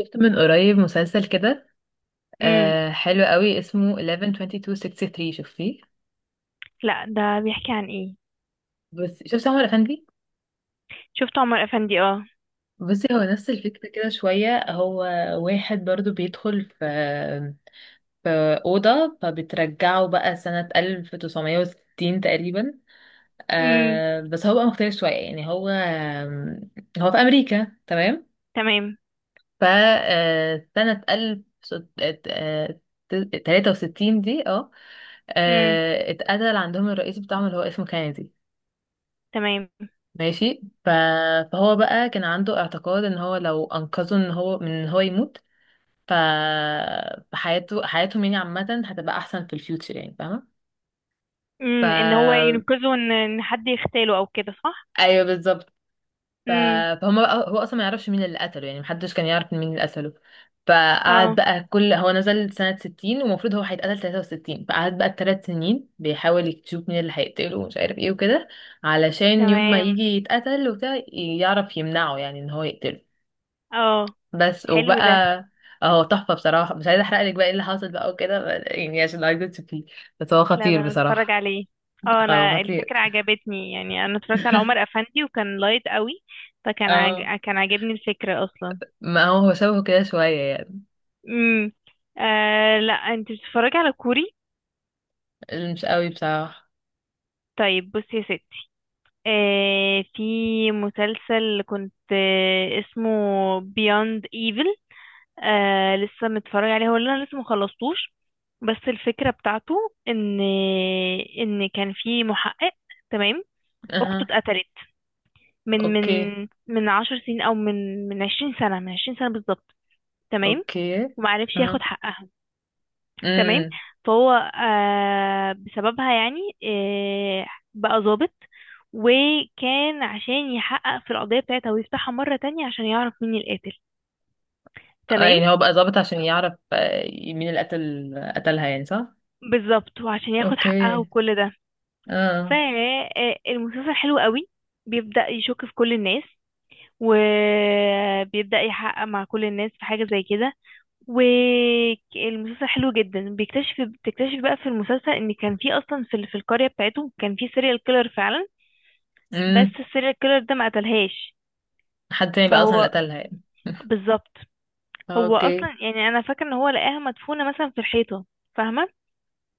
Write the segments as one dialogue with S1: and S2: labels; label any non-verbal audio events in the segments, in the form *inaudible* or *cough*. S1: شفت من قريب مسلسل كده.
S2: امم
S1: آه، حلو قوي، اسمه 112263. شفتيه؟
S2: لا، ده بيحكي عن ايه؟
S1: بس شفت عمر افندي.
S2: شفت عمر افندي، اه.
S1: بصي، هو نفس الفكرة كده شوية. هو واحد برضو بيدخل في أوضة، فبترجعه بقى سنة 1960 تقريبا.
S2: امم
S1: آه، بس هو بقى مختلف شوية يعني. هو في أمريكا، تمام؟
S2: تمام.
S1: فسنة ألف تلاتة وستين دي، اه،
S2: امم
S1: آه، اتقتل عندهم الرئيس بتاعهم اللي هو اسمه كينيدي.
S2: تمام.
S1: ماشي. فهو بقى كان عنده اعتقاد ان هو لو انقذه ان هو يموت، ف... فحياته حياتهم يعني عامة هتبقى احسن في الفيوتشر، يعني فاهمة. ف
S2: ان هو ينقذه، ان حد يغتاله او كده، صح؟
S1: ايوه، بالظبط. ف...
S2: امم
S1: فهم بقى، هو اصلا ما يعرفش مين اللي قتله، يعني محدش كان يعرف مين اللي قتله. فقعد
S2: اه.
S1: بقى، كل هو نزل سنة 60 ومفروض هو هيتقتل 63، فقعد بقى الثلاث سنين بيحاول يشوف مين اللي هيقتله ومش عارف ايه وكده، علشان يوم ما
S2: تمام.
S1: يجي يتقتل وبتاع يعرف يمنعه، يعني ان هو يقتله.
S2: اه،
S1: بس
S2: حلو
S1: وبقى،
S2: ده.
S1: اهو تحفة بصراحة. مش عايزة احرق لك بقى ايه اللي حصل بقى وكده، يعني عشان عايزة تشوفيه. بس هو
S2: لا، ده
S1: خطير
S2: انا اتفرج
S1: بصراحة.
S2: عليه. اه،
S1: هو
S2: انا
S1: خطير.
S2: الفكرة عجبتني، يعني انا اتفرجت على عمر
S1: *laughs*
S2: افندي وكان لايت قوي.
S1: اه،
S2: كان عاجبني الفكرة اصلا.
S1: ما هو شبهه كده شوية.
S2: امم لا، انت بتتفرجي على كوري؟
S1: يعني مش قوي بصراحة.
S2: طيب بصي يا ستي، في مسلسل كنت، اسمه Beyond Evil. لسه متفرج عليه، هو اللي انا لسه مخلصتوش. بس الفكرة بتاعته ان كان في محقق، تمام، اخته
S1: اها.
S2: اتقتلت من
S1: اوكي.
S2: من من 10 سنين، او من 20 سنة، من 20 سنة بالظبط. تمام.
S1: اوكي.
S2: ومعرفش ياخد
S1: اها.
S2: حقها. تمام.
S1: امم.
S2: فهو، بسببها يعني، آه بقى ظابط، وكان عشان يحقق في القضية بتاعتها ويفتحها مرة تانية عشان يعرف مين القاتل.
S1: آه،
S2: تمام.
S1: يعني هو بقى ظابط عشان يعرف، آه، مين اللي قتلها، يعني صح.
S2: بالظبط، وعشان ياخد حقها
S1: اوكي.
S2: وكل ده.
S1: اه.
S2: فالمسلسل حلو قوي، بيبدأ يشك في كل الناس، وبيبدأ يحقق مع كل الناس في حاجة زي كده. والمسلسل حلو جدا. بتكتشف بقى في المسلسل ان كان في اصلا، في القرية بتاعتهم كان في سيريال كيلر فعلا. بس
S1: امم.
S2: السيريال كيلر ده ما قتلهاش.
S1: حد تاني بقى اصلا اللي
S2: فهو،
S1: قتلها يعني. *laughs*
S2: بالظبط، هو
S1: اوكي.
S2: اصلا، يعني انا فاكره ان هو لقاها مدفونه مثلا في الحيطه، فاهمه؟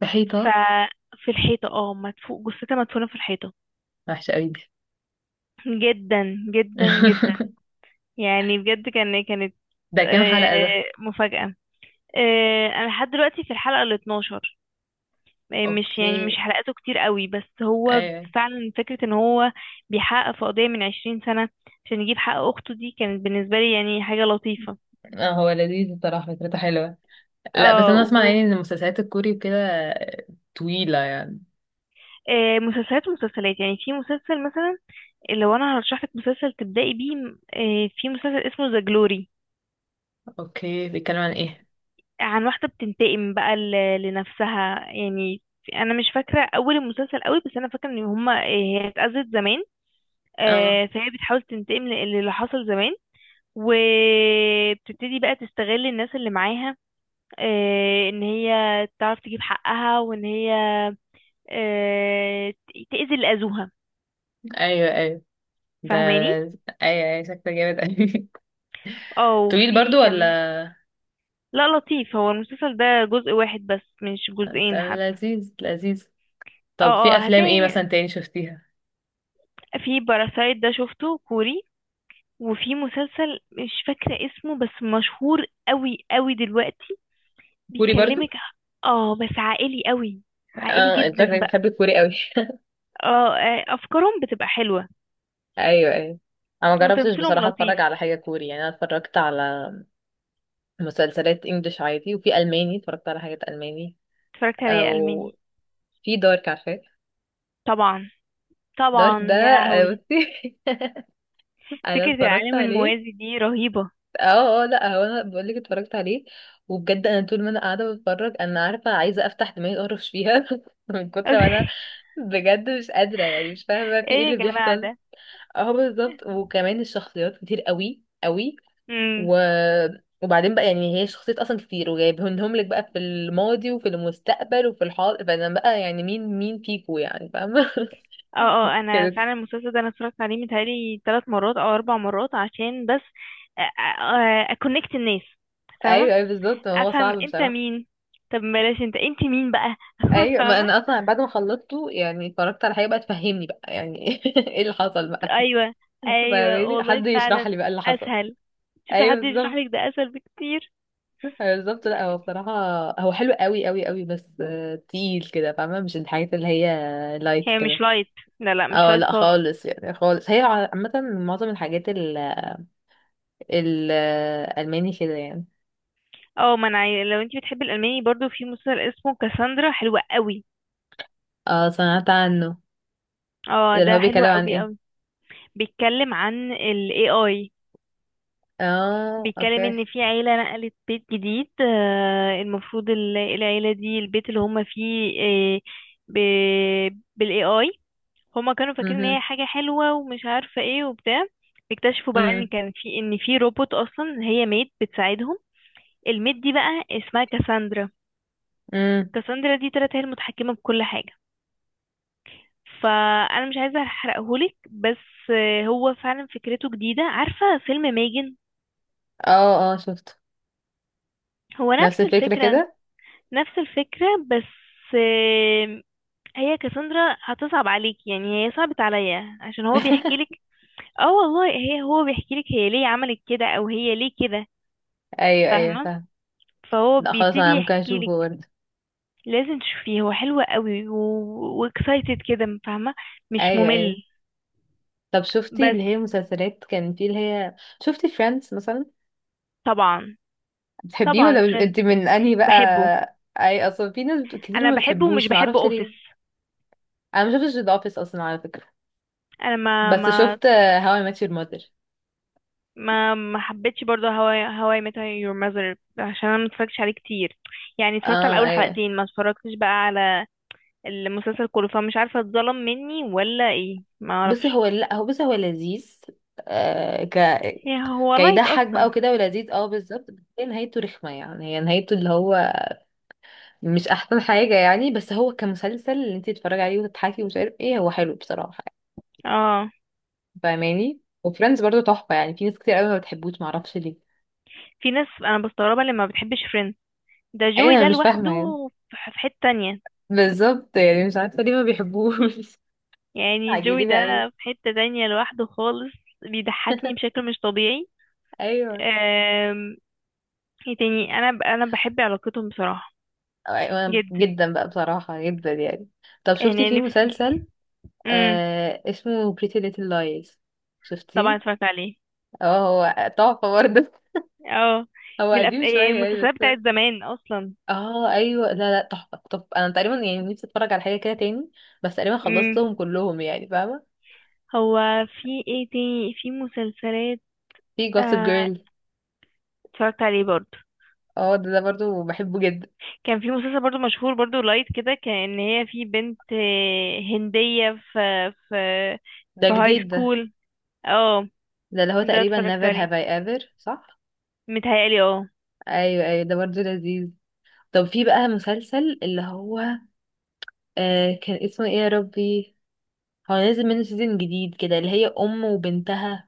S1: في حيطة.
S2: ففي الحيطه، اه، جثتها مدفونه في الحيطه.
S1: وحشة قوي دي.
S2: جدا جدا جدا،
S1: *laughs*
S2: يعني بجد، كانت،
S1: ده كام حلقة ده؟
S2: مفاجاه. انا لحد دلوقتي في الحلقه ال 12. مش يعني مش
S1: اوكي.
S2: حلقاته كتير قوي، بس هو
S1: ايوه.
S2: فعلا فكره ان هو بيحقق في قضيه من 20 سنه عشان يجيب حق اخته، دي كانت بالنسبه لي يعني حاجه لطيفه.
S1: آه، هو لذيذ بصراحة، فكرته حلوة. لا، بس
S2: اه.
S1: انا اسمع يعني ان المسلسلات الكوري وكده، آه، طويلة يعني.
S2: مسلسلات ومسلسلات، يعني في مسلسل مثلا، لو انا هرشح لك مسلسل تبدأي بيه، في مسلسل اسمه ذا جلوري،
S1: اوكي، بيتكلم عن ايه؟
S2: عن واحدة بتنتقم بقى لنفسها يعني. انا مش فاكرة اول المسلسل قوي، بس انا فاكرة ان هما آه، هي اتأذت زمان.
S1: اه.
S2: فهي بتحاول تنتقم للي حصل زمان، وبتبتدي بقى تستغل الناس اللي معاها، ان هي تعرف تجيب حقها، وان هي تأذي اللي أذوها،
S1: ايوه ايوه. ده.
S2: فاهماني؟
S1: ايوه ايوه، شكله جامد قوي.
S2: اه.
S1: طويل
S2: وفي
S1: برضو
S2: كم،
S1: ولا؟
S2: لا لطيف، هو المسلسل ده جزء واحد بس، مش
S1: طب
S2: جزئين حتى.
S1: لذيذ لذيذ.
S2: اه،
S1: طب في
S2: اه،
S1: افلام ايه
S2: هتلاقي
S1: مثلا تاني شفتيها؟
S2: في باراسايت، ده شفته كوري. وفي مسلسل مش فاكرة اسمه بس مشهور قوي قوي دلوقتي،
S1: كوري
S2: بيكلمك.
S1: برضو؟
S2: اه، بس عائلي قوي، عائلي
S1: اه، انت
S2: جدا
S1: شكلك
S2: بقى.
S1: بتحب الكوري قوي. *laughs*
S2: اه، افكارهم بتبقى حلوة،
S1: ايوه ايوه. انا ما جربتش
S2: وتمثيلهم
S1: بصراحه
S2: لطيف.
S1: اتفرج على حاجه كوري، يعني انا اتفرجت على مسلسلات انجليش عادي، وفي الماني اتفرجت على حاجات الماني.
S2: اتفرجت عليه ألماني.
S1: او في دارك، عارفاه؟
S2: طبعا،
S1: دارك ده،
S2: طبعا يا
S1: آه،
S2: لهوي،
S1: بصي. *laughs* انا
S2: فكرة
S1: اتفرجت
S2: العالم
S1: عليه.
S2: الموازي دي رهيبة.
S1: اه اه، لا هو انا بقول لك اتفرجت عليه. وبجد انا طول ما انا قاعده بتفرج، انا عارفه عايزه افتح دماغي اقرش فيها *laughs* من كتر ما انا
S2: *laughs*
S1: بجد مش قادره، يعني مش فاهمه في ايه
S2: ايه يا
S1: اللي
S2: جماعة
S1: بيحصل.
S2: ده!
S1: اه بالظبط، وكمان الشخصيات كتير قوي قوي.
S2: مم.
S1: و... وبعدين بقى يعني هي شخصيات اصلا كتير، وجايبهم لك بقى في الماضي وفي المستقبل وفي الحاضر، فانا بقى يعني مين فيكو، يعني فاهمه؟
S2: اه، اه،
S1: *laughs*
S2: انا
S1: كده.
S2: فعلا المسلسل ده انا اتفرجت عليه متهيألي ثلاث مرات او اربع مرات عشان بس اكونكت الناس، فاهمه؟
S1: ايوه ايوه بالظبط، ما هو
S2: افهم
S1: صعب
S2: انت
S1: بصراحه.
S2: مين. طب بلاش انت مين بقى؟ *laughs*
S1: ايوه، ما
S2: فاهمه؟
S1: انا اصلا بعد ما خلصته يعني اتفرجت على حاجه بقى تفهمني بقى يعني. *laughs* ايه اللي حصل بقى.
S2: ايوه، ايوه،
S1: فاهماني؟
S2: والله
S1: حد يشرح
S2: فعلا،
S1: لي بقى اللي حصل.
S2: اسهل. شوفي،
S1: ايوه
S2: حد يشرح
S1: بالظبط.
S2: لك ده اسهل بكتير.
S1: أيوة بالظبط. لا هو بصراحه هو حلو قوي قوي قوي، بس آه، تقيل كده، فاهمه؟ مش الحاجات اللي هي لايت
S2: هي مش
S1: كده.
S2: لايت، لا لا، مش
S1: اه
S2: لايت
S1: لا
S2: خالص.
S1: خالص، يعني خالص. هي عامه معظم الحاجات الالماني كده يعني.
S2: اه، ما انا لو انت بتحبي الالماني برضو، في مسلسل اسمه كاساندرا، حلوة قوي.
S1: اه، سمعت عنه.
S2: اه،
S1: ده اللي هو
S2: ده حلو
S1: بيتكلم عن
S2: قوي
S1: ايه؟
S2: قوي، بيتكلم عن ال AI.
S1: اه،
S2: بيتكلم
S1: اوكي.
S2: ان في عيلة نقلت بيت جديد. المفروض العيلة دي، البيت اللي هم فيه، ب- بالاي اي، هما كانوا فاكرين ان هي
S1: امم.
S2: حاجة حلوة ومش عارفة ايه وبتاع. اكتشفوا بقى ان
S1: امم.
S2: كان في ان في روبوت اصلا، هي ميد بتساعدهم. الميد دي بقى اسمها كاساندرا.
S1: امم.
S2: كاساندرا دي طلعت هي المتحكمة بكل حاجة. فانا مش عايزة احرقهولك، بس، هو فعلا فكرته جديدة. عارفة فيلم ميجن؟
S1: اه اه، شفته.
S2: هو
S1: نفس
S2: نفس
S1: الفكره
S2: الفكرة،
S1: كده.
S2: نفس الفكرة بس، آم، هي كسندرا هتصعب عليك، يعني هي صعبت عليا عشان هو بيحكي لك. اه والله، هو بيحكي لك هي ليه عملت كده او هي ليه كده،
S1: ايوه ايوه
S2: فاهمة؟
S1: فاهم.
S2: فهو
S1: لا خلاص،
S2: بيبتدي
S1: انا ممكن
S2: يحكي
S1: اشوفه
S2: لك.
S1: برضه.
S2: لازم تشوفيه، هو حلو قوي واكسايتد كده، فاهمة؟ مش
S1: ايوه
S2: ممل.
S1: ايوه. طب شفتي
S2: بس.
S1: اللي هي مسلسلات كان في اللي هي، شفتي فريندز مثلا؟
S2: طبعا،
S1: بتحبيه ولا
S2: طبعا،
S1: مش، انت
S2: فريندز
S1: من انهي بقى؟
S2: بحبه.
S1: اي، اصلا في ناس كتير
S2: انا
S1: ما
S2: بحبه ومش
S1: بتحبوش،
S2: بحب
S1: معرفش
S2: اوفيس.
S1: ليه. انا ما شفتش ذا اوفيس اصلا على فكره،
S2: انا ما
S1: بس
S2: ما
S1: شفت هاو اي ميت يور ماذر.
S2: ما ما حبيتش برضه، هواي ميت يور ماذر عشان انا متفرجتش عليه كتير، يعني اتفرجت على
S1: اه
S2: اول
S1: ايوه.
S2: حلقتين، ما اتفرجتش بقى على المسلسل كله، فمش عارفه اتظلم مني ولا ايه، ما
S1: بصي
S2: اعرفش.
S1: هو، لا هو، بصي هو لذيذ. آه،
S2: هو لايت
S1: كيضحك بقى
S2: اصلا.
S1: وكده ولذيذ، اه بالظبط، بس هي نهايته رخمه يعني. هي نهايته اللي هو مش احسن حاجة يعني، بس هو كمسلسل اللي انت تتفرجي عليه وتضحكي ومش عارف ايه، هو حلو بصراحة يعني.
S2: اه،
S1: فاهماني؟ وفريندز برضو تحفة، يعني في ناس كتير قوي ما بتحبوش، معرفش ليه.
S2: في ناس انا بستغربها لما بتحبش فريند. ده
S1: ايوه،
S2: جوي
S1: انا
S2: ده
S1: مش فاهمة
S2: لوحده،
S1: يعني.
S2: في حته تانية،
S1: بالظبط، يعني مش عارفة ليه ما بيحبوش. *laughs*
S2: يعني جوي ده
S1: عجيبة قوي.
S2: في حته تانية لوحده خالص، بيضحكني بشكل مش طبيعي.
S1: ايوه.
S2: آم، ايه تاني؟ انا انا بحب علاقتهم بصراحه،
S1: انا
S2: جدا
S1: جدا بقى بصراحة، جدا يعني. طب شفتي
S2: يعني،
S1: في
S2: نفسي.
S1: مسلسل آه اسمه Pretty Little Lies؟
S2: طبعا
S1: شفتيه؟
S2: اتفرجت عليه.
S1: اه، هو تحفة برضه.
S2: اه،
S1: *laughs* هو قديم
S2: إيه
S1: شوية
S2: المسلسلات
S1: يعني.
S2: بتاعت زمان اصلا.
S1: اه ايوه، لا لا تحفه. طب انا تقريبا يعني نفسي اتفرج على حاجه كده تاني، بس تقريبا
S2: امم
S1: خلصتهم كلهم يعني، فاهمه؟
S2: هو في ايه تاني في مسلسلات؟
S1: في جوسب
S2: آه
S1: جيرل.
S2: اتفرجت عليه برضو.
S1: اه، ده برضو بحبه جدا.
S2: كان في مسلسل برضو مشهور برضو لايت كده، كان ان هي في بنت هندية في
S1: ده
S2: في هاي
S1: جديد ده؟
S2: سكول. اه،
S1: ده اللي هو
S2: ده
S1: تقريبا
S2: اتفرجت
S1: never
S2: عليه
S1: have I ever، صح؟
S2: متهيألي، اه.
S1: ايوه ايوه، ده برضو لذيذ. طب في بقى مسلسل اللي هو، آه كان اسمه ايه يا ربي، هو نازل منه سيزون جديد كده، اللي هي ام وبنتها.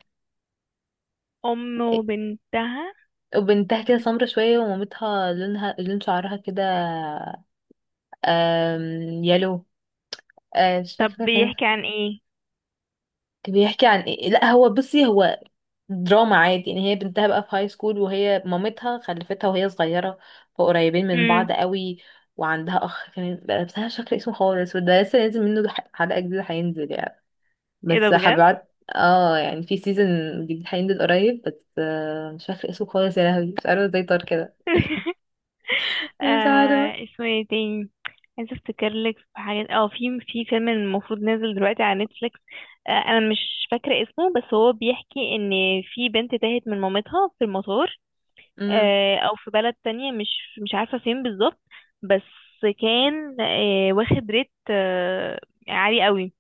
S2: ام وبنتها.
S1: وبنتها كده سمرة شوية، ومامتها لونها لون شعرها كده، آم، يلو. آه، مش
S2: طب
S1: فاكرة كان
S2: بيحكي عن ايه؟
S1: بيحكي عن ايه. لا هو بصي، هو دراما عادي يعني. هي بنتها بقى في هاي سكول، وهي مامتها خلفتها وهي صغيرة، فقريبين من
S2: امم
S1: بعض قوي. وعندها اخ كان بس انا مش فاكرة اسمه خالص. وده لسه نازل منه حلقة جديدة، هينزل يعني.
S2: ايه ده
S1: بس
S2: بجد؟
S1: حبعت، اه يعني في سيزون جديد هينزل قريب، بس آه، مش فاكرة اسمه خالص. يا لهوي، مش عارفة ازاي طار كده.
S2: *laughs*
S1: مش عارفة.
S2: اسمه ايه تاني؟ عايزة افتكر لك. في حاجات، اه، في فيلم المفروض نازل دلوقتي على نتفليكس. انا مش فاكرة اسمه، بس هو بيحكي ان في بنت تاهت من مامتها في المطار.
S1: امم.
S2: او في بلد تانية، مش عارفة فين بالظبط. بس كان، واخد ريت، عالي قوي،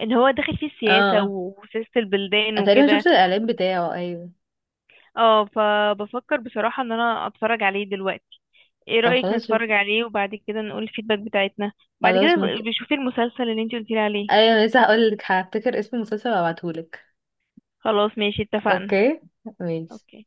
S2: اللي هو داخل فيه
S1: اه
S2: السياسة
S1: اه.
S2: وسياسة البلدان
S1: أنا تقريبا
S2: وكده.
S1: شفت الاعلان بتاعه، ايوه.
S2: اه، فبفكر بصراحة ان انا اتفرج عليه دلوقتي. ايه
S1: طب
S2: رأيك
S1: خلاص.
S2: نتفرج عليه وبعد كده نقول الفيدباك بتاعتنا؟ بعد كده
S1: خلاص ممكن.
S2: بشوفي المسلسل اللي انتي قلتيلي عليه.
S1: ايوه، لسه هقولك، هفتكر اسم المسلسل وابعتهولك.
S2: خلاص، ماشي، اتفقنا.
S1: اوكي. ماشي.
S2: اوكي.